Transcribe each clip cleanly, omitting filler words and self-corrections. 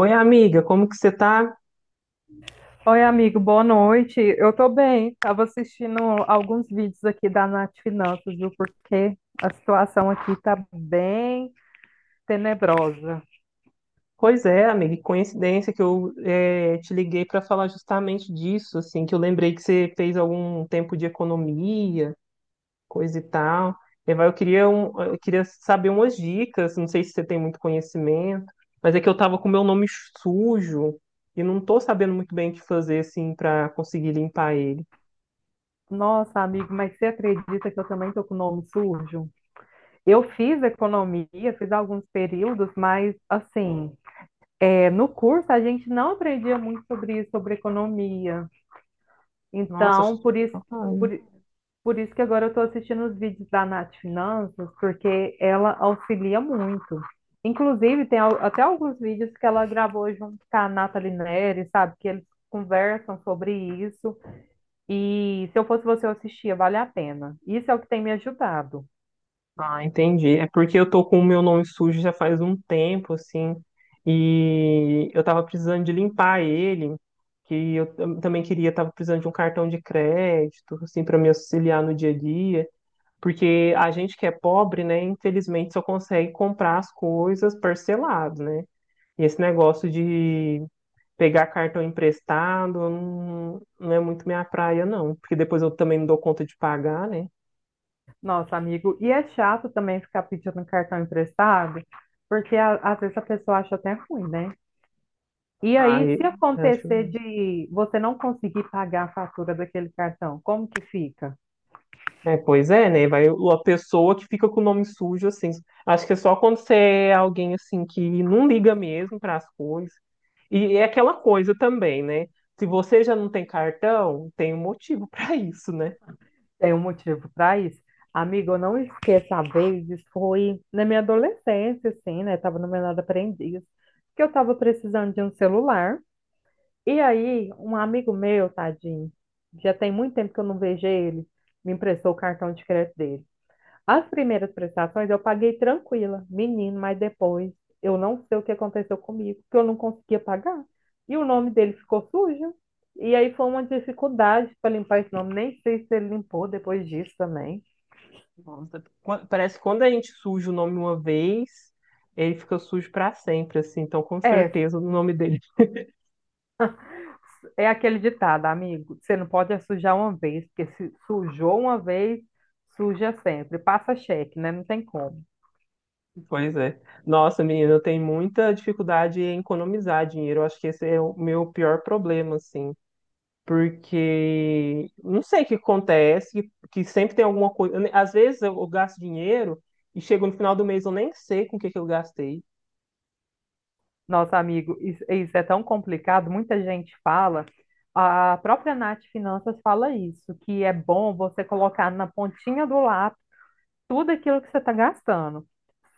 Oi, amiga, como que você tá? Oi, amigo, boa noite. Eu tô bem. Tava assistindo alguns vídeos aqui da Nath Finanças, viu? Porque a situação aqui tá bem tenebrosa. Pois é, amiga, que coincidência que eu te liguei para falar justamente disso, assim, que eu lembrei que você fez algum tempo de economia, coisa e tal. E vai, eu queria saber umas dicas, não sei se você tem muito conhecimento, mas é que eu tava com meu nome sujo e não tô sabendo muito bem o que fazer, assim, para conseguir limpar ele. Nossa, amigo, mas você acredita que eu também tô com o nome sujo? Eu fiz economia, fiz alguns períodos, mas assim, é, no curso a gente não aprendia muito sobre isso, sobre economia. Nossa. Então, por isso, por, por isso que agora eu estou assistindo os vídeos da Nath Finanças, porque ela auxilia muito. Inclusive, tem até alguns vídeos que ela gravou junto com a Nathalie Neri, sabe? Que eles conversam sobre isso. E se eu fosse você, eu assistia, vale a pena. Isso é o que tem me ajudado. Ah, entendi. É porque eu tô com o meu nome sujo já faz um tempo, assim, e eu tava precisando de limpar ele, que eu também queria, tava precisando de um cartão de crédito, assim, para me auxiliar no dia a dia, porque a gente que é pobre, né, infelizmente só consegue comprar as coisas parcelado, né? E esse negócio de pegar cartão emprestado não, não é muito minha praia, não, porque depois eu também não dou conta de pagar, né? Nossa, amigo, e é chato também ficar pedindo cartão emprestado, porque às vezes a pessoa acha até ruim, né? E aí, Aí, se acho. acontecer de você não conseguir pagar a fatura daquele cartão, como que fica? É, pois é, né? Vai a pessoa que fica com o nome sujo, assim. Acho que é só quando você é alguém, assim, que não liga mesmo para as coisas. E é aquela coisa também, né? Se você já não tem cartão, tem um motivo para isso, né? Tem um motivo para isso? Amigo, eu não esqueço a vez, isso foi na minha adolescência, assim, né? Tava no menor aprendiz, que eu tava precisando de um celular. E aí, um amigo meu, tadinho, já tem muito tempo que eu não vejo ele, me emprestou o cartão de crédito dele. As primeiras prestações eu paguei tranquila, menino, mas depois eu não sei o que aconteceu comigo, que eu não conseguia pagar. E o nome dele ficou sujo. E aí foi uma dificuldade para limpar esse nome. Nem sei se ele limpou depois disso também. Nossa. Parece que quando a gente suja o nome uma vez, ele fica sujo para sempre, assim. Então, com É, certeza, o nome dele. é aquele ditado, amigo. Você não pode é sujar uma vez, porque se sujou uma vez, suja sempre. Passa cheque, né? Não tem como. Pois é. Nossa, menina, eu tenho muita dificuldade em economizar dinheiro. Eu acho que esse é o meu pior problema, assim. Porque não sei o que acontece, que sempre tem alguma coisa. Às vezes eu gasto dinheiro e chego no final do mês eu nem sei com o que, que eu gastei. Nossa, amigo, isso é tão complicado. Muita gente fala, a própria Nath Finanças fala isso, que é bom você colocar na pontinha do lápis tudo aquilo que você está gastando.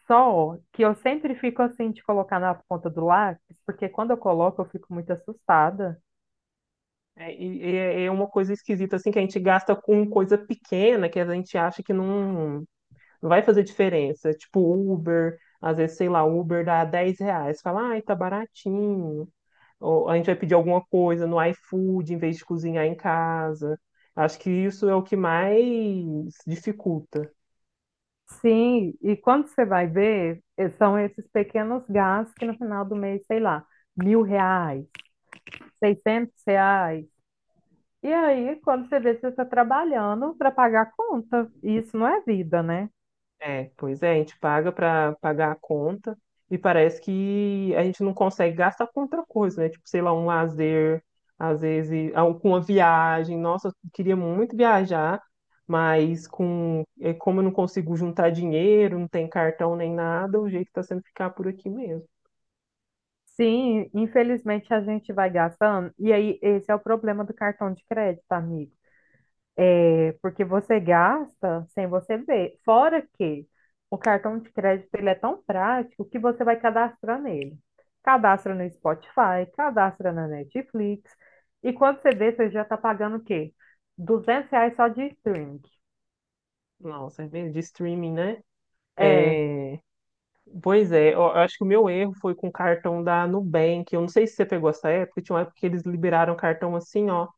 Só que eu sempre fico assim de colocar na ponta do lápis, porque quando eu coloco eu fico muito assustada. É, e é uma coisa esquisita, assim, que a gente gasta com coisa pequena que a gente acha que não, não vai fazer diferença. Tipo Uber, às vezes, sei lá, Uber dá R$ 10. Fala, ai, tá baratinho. Ou a gente vai pedir alguma coisa no iFood em vez de cozinhar em casa. Acho que isso é o que mais dificulta. Sim, e quando você vai ver, são esses pequenos gastos que no final do mês, sei lá, R$ 1.000, R$ 600. E aí, quando você vê, você está trabalhando para pagar a conta. E isso não é vida, né? É, pois é, a gente paga para pagar a conta e parece que a gente não consegue gastar com outra coisa, né? Tipo, sei lá, um lazer, às vezes, ah, com uma viagem. Nossa, eu queria muito viajar, mas como eu não consigo juntar dinheiro, não tem cartão nem nada, o jeito está sendo ficar por aqui mesmo. Sim, infelizmente a gente vai gastando. E aí, esse é o problema do cartão de crédito, amigo. É porque você gasta sem você ver. Fora que o cartão de crédito ele é tão prático que você vai cadastrar nele. Cadastra no Spotify, cadastra na Netflix. E quando você vê, você já está pagando o quê? R$ reais só de streaming. Nossa, é mesmo, de streaming, né? É, É, pois é, eu acho que o meu erro foi com o cartão da Nubank. Eu não sei se você pegou essa época, tinha uma época que eles liberaram cartão assim, ó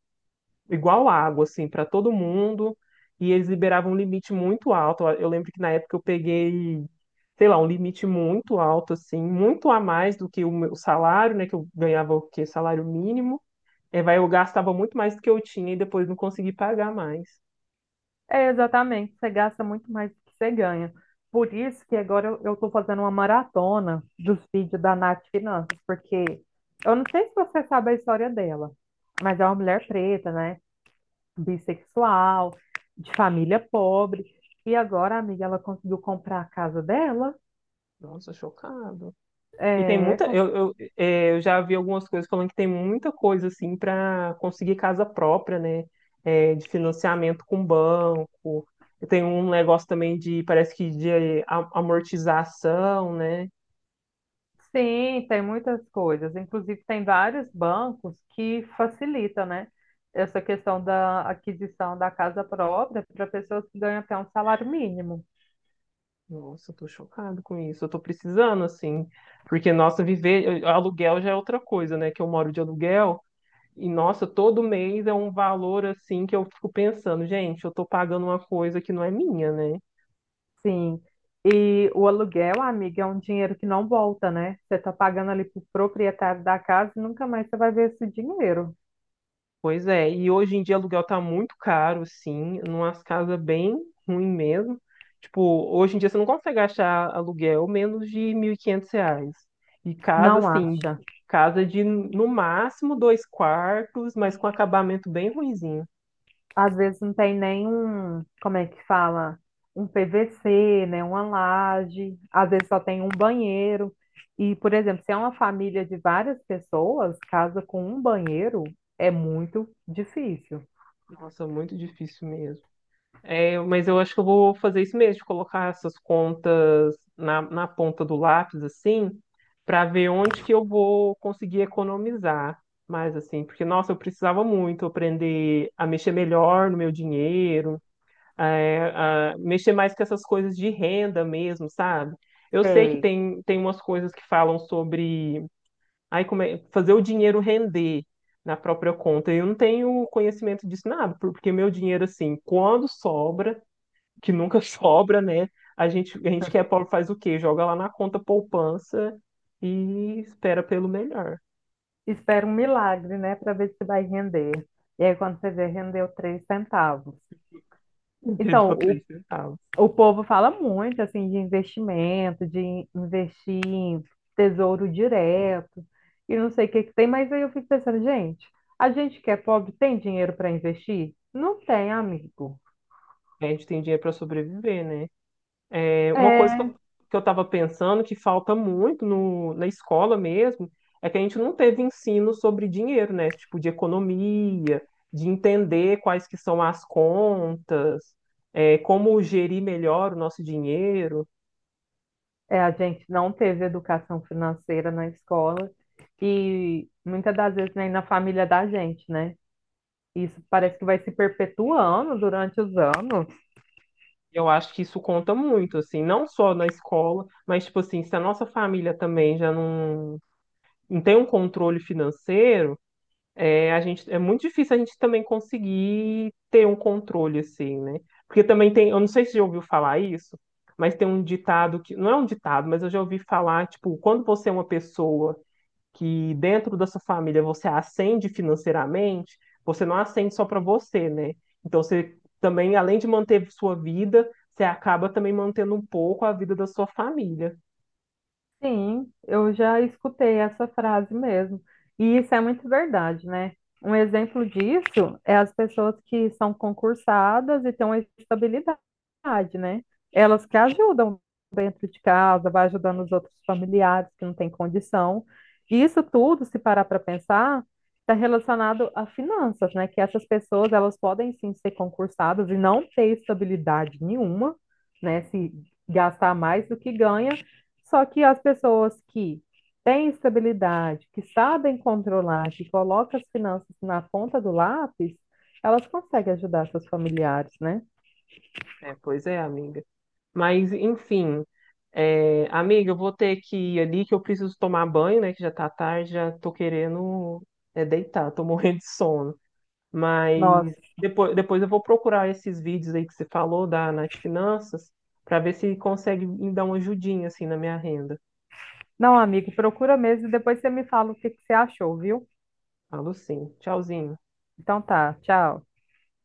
igual água, assim, para todo mundo. E eles liberavam um limite muito alto. Eu lembro que na época eu peguei, sei lá, um limite muito alto, assim, muito a mais do que o meu salário, né? Que eu ganhava o quê? Salário mínimo. É, vai, eu gastava muito mais do que eu tinha e depois não consegui pagar mais. Exatamente, você gasta muito mais do que você ganha. Por isso que agora eu estou fazendo uma maratona dos vídeos da Nath Finanças, porque eu não sei se você sabe a história dela, mas é uma mulher preta, né? Bissexual, de família pobre. E agora, amiga, ela conseguiu comprar a casa dela, Nossa, chocado. E tem é, muita. com Eu já vi algumas coisas falando que tem muita coisa assim para conseguir casa própria, né? É, de financiamento com banco. Tem um negócio também de, parece que de amortização, né? Sim, tem muitas coisas. Inclusive, tem vários bancos que facilitam, né? Essa questão da aquisição da casa própria para pessoas que ganham até um salário mínimo. Nossa, eu tô chocado com isso. Eu tô precisando, assim. Porque, nossa, viver. Aluguel já é outra coisa, né? Que eu moro de aluguel. E, nossa, todo mês é um valor, assim, que eu fico pensando, gente, eu tô pagando uma coisa que não é minha, né? Sim. E o aluguel, amiga, é um dinheiro que não volta, né? Você está pagando ali para o proprietário da casa e nunca mais você vai ver esse dinheiro. Pois é, e hoje em dia aluguel tá muito caro, sim, numas casas bem ruim mesmo. Tipo, hoje em dia você não consegue achar aluguel menos de R$ 1.500. E casa, Não assim, acha? casa de no máximo dois quartos, mas com acabamento bem ruinzinho. Às vezes não tem nem um, como é que fala? Um PVC, né? Uma laje, às vezes só tem um banheiro. E, por exemplo, se é uma família de várias pessoas, casa com um banheiro é muito difícil. Nossa, muito difícil mesmo. É, mas eu acho que eu vou fazer isso mesmo, de colocar essas contas na ponta do lápis, assim, para ver onde que eu vou conseguir economizar mais, assim, porque, nossa, eu precisava muito aprender a mexer melhor no meu dinheiro, a mexer mais com essas coisas de renda mesmo, sabe? Eu sei que Sei. tem umas coisas que falam sobre ai, fazer o dinheiro render na própria conta. Eu não tenho conhecimento disso nada, porque meu dinheiro, assim, quando sobra que nunca sobra, né? A gente que é pobre faz o quê? Joga lá na conta poupança e espera pelo melhor. Espera um milagre, né, para ver se vai render. E aí, quando você vê, rendeu R$ 0,03. Entendeu? Então, Três o centavos. O povo fala muito assim de investimento, de investir em tesouro direto e não sei o que que tem, mas aí eu fico pensando, gente, a gente que é pobre tem dinheiro para investir? Não tem, amigo. A gente tem dinheiro para sobreviver, né? É, uma coisa que É, eu, que eu tava pensando que falta muito no, na escola mesmo é que a gente não teve ensino sobre dinheiro, né? Tipo, de economia, de entender quais que são as contas, como gerir melhor o nosso dinheiro. A gente não teve educação financeira na escola e muitas das vezes nem na família da gente, né? Isso parece que vai se perpetuando durante os anos. Eu acho que isso conta muito, assim, não só na escola, mas, tipo assim, se a nossa família também já não, não tem um controle financeiro, é muito difícil a gente também conseguir ter um controle, assim, né? Porque também tem, eu não sei se você já ouviu falar isso, mas tem um ditado que, não é um ditado, mas eu já ouvi falar, tipo, quando você é uma pessoa que dentro da sua família você ascende financeiramente, você não ascende só para você, né? Então você também, além de manter sua vida, você acaba também mantendo um pouco a vida da sua família. Sim, eu já escutei essa frase mesmo. E isso é muito verdade, né? Um exemplo disso é as pessoas que são concursadas e têm uma estabilidade, né? Elas que ajudam dentro de casa, vai ajudando os outros familiares que não têm condição. E isso tudo, se parar para pensar, está relacionado a finanças, né? Que essas pessoas, elas podem sim ser concursadas e não ter estabilidade nenhuma, né? Se gastar mais do que ganha só que as pessoas que têm estabilidade, que sabem controlar, que colocam as finanças na ponta do lápis, elas conseguem ajudar seus familiares, né? É, pois é, amiga. Mas, enfim, amiga, eu vou ter que ir ali, que eu preciso tomar banho, né? Que já tá tarde, já tô querendo deitar, tô morrendo de sono. Mas Nossa. depois eu vou procurar esses vídeos aí que você falou da Nath Finanças para ver se consegue me dar uma ajudinha assim na minha renda. Não, amigo, procura mesmo e depois você me fala o que que você achou, viu? Falo sim. Tchauzinho. Então tá, tchau.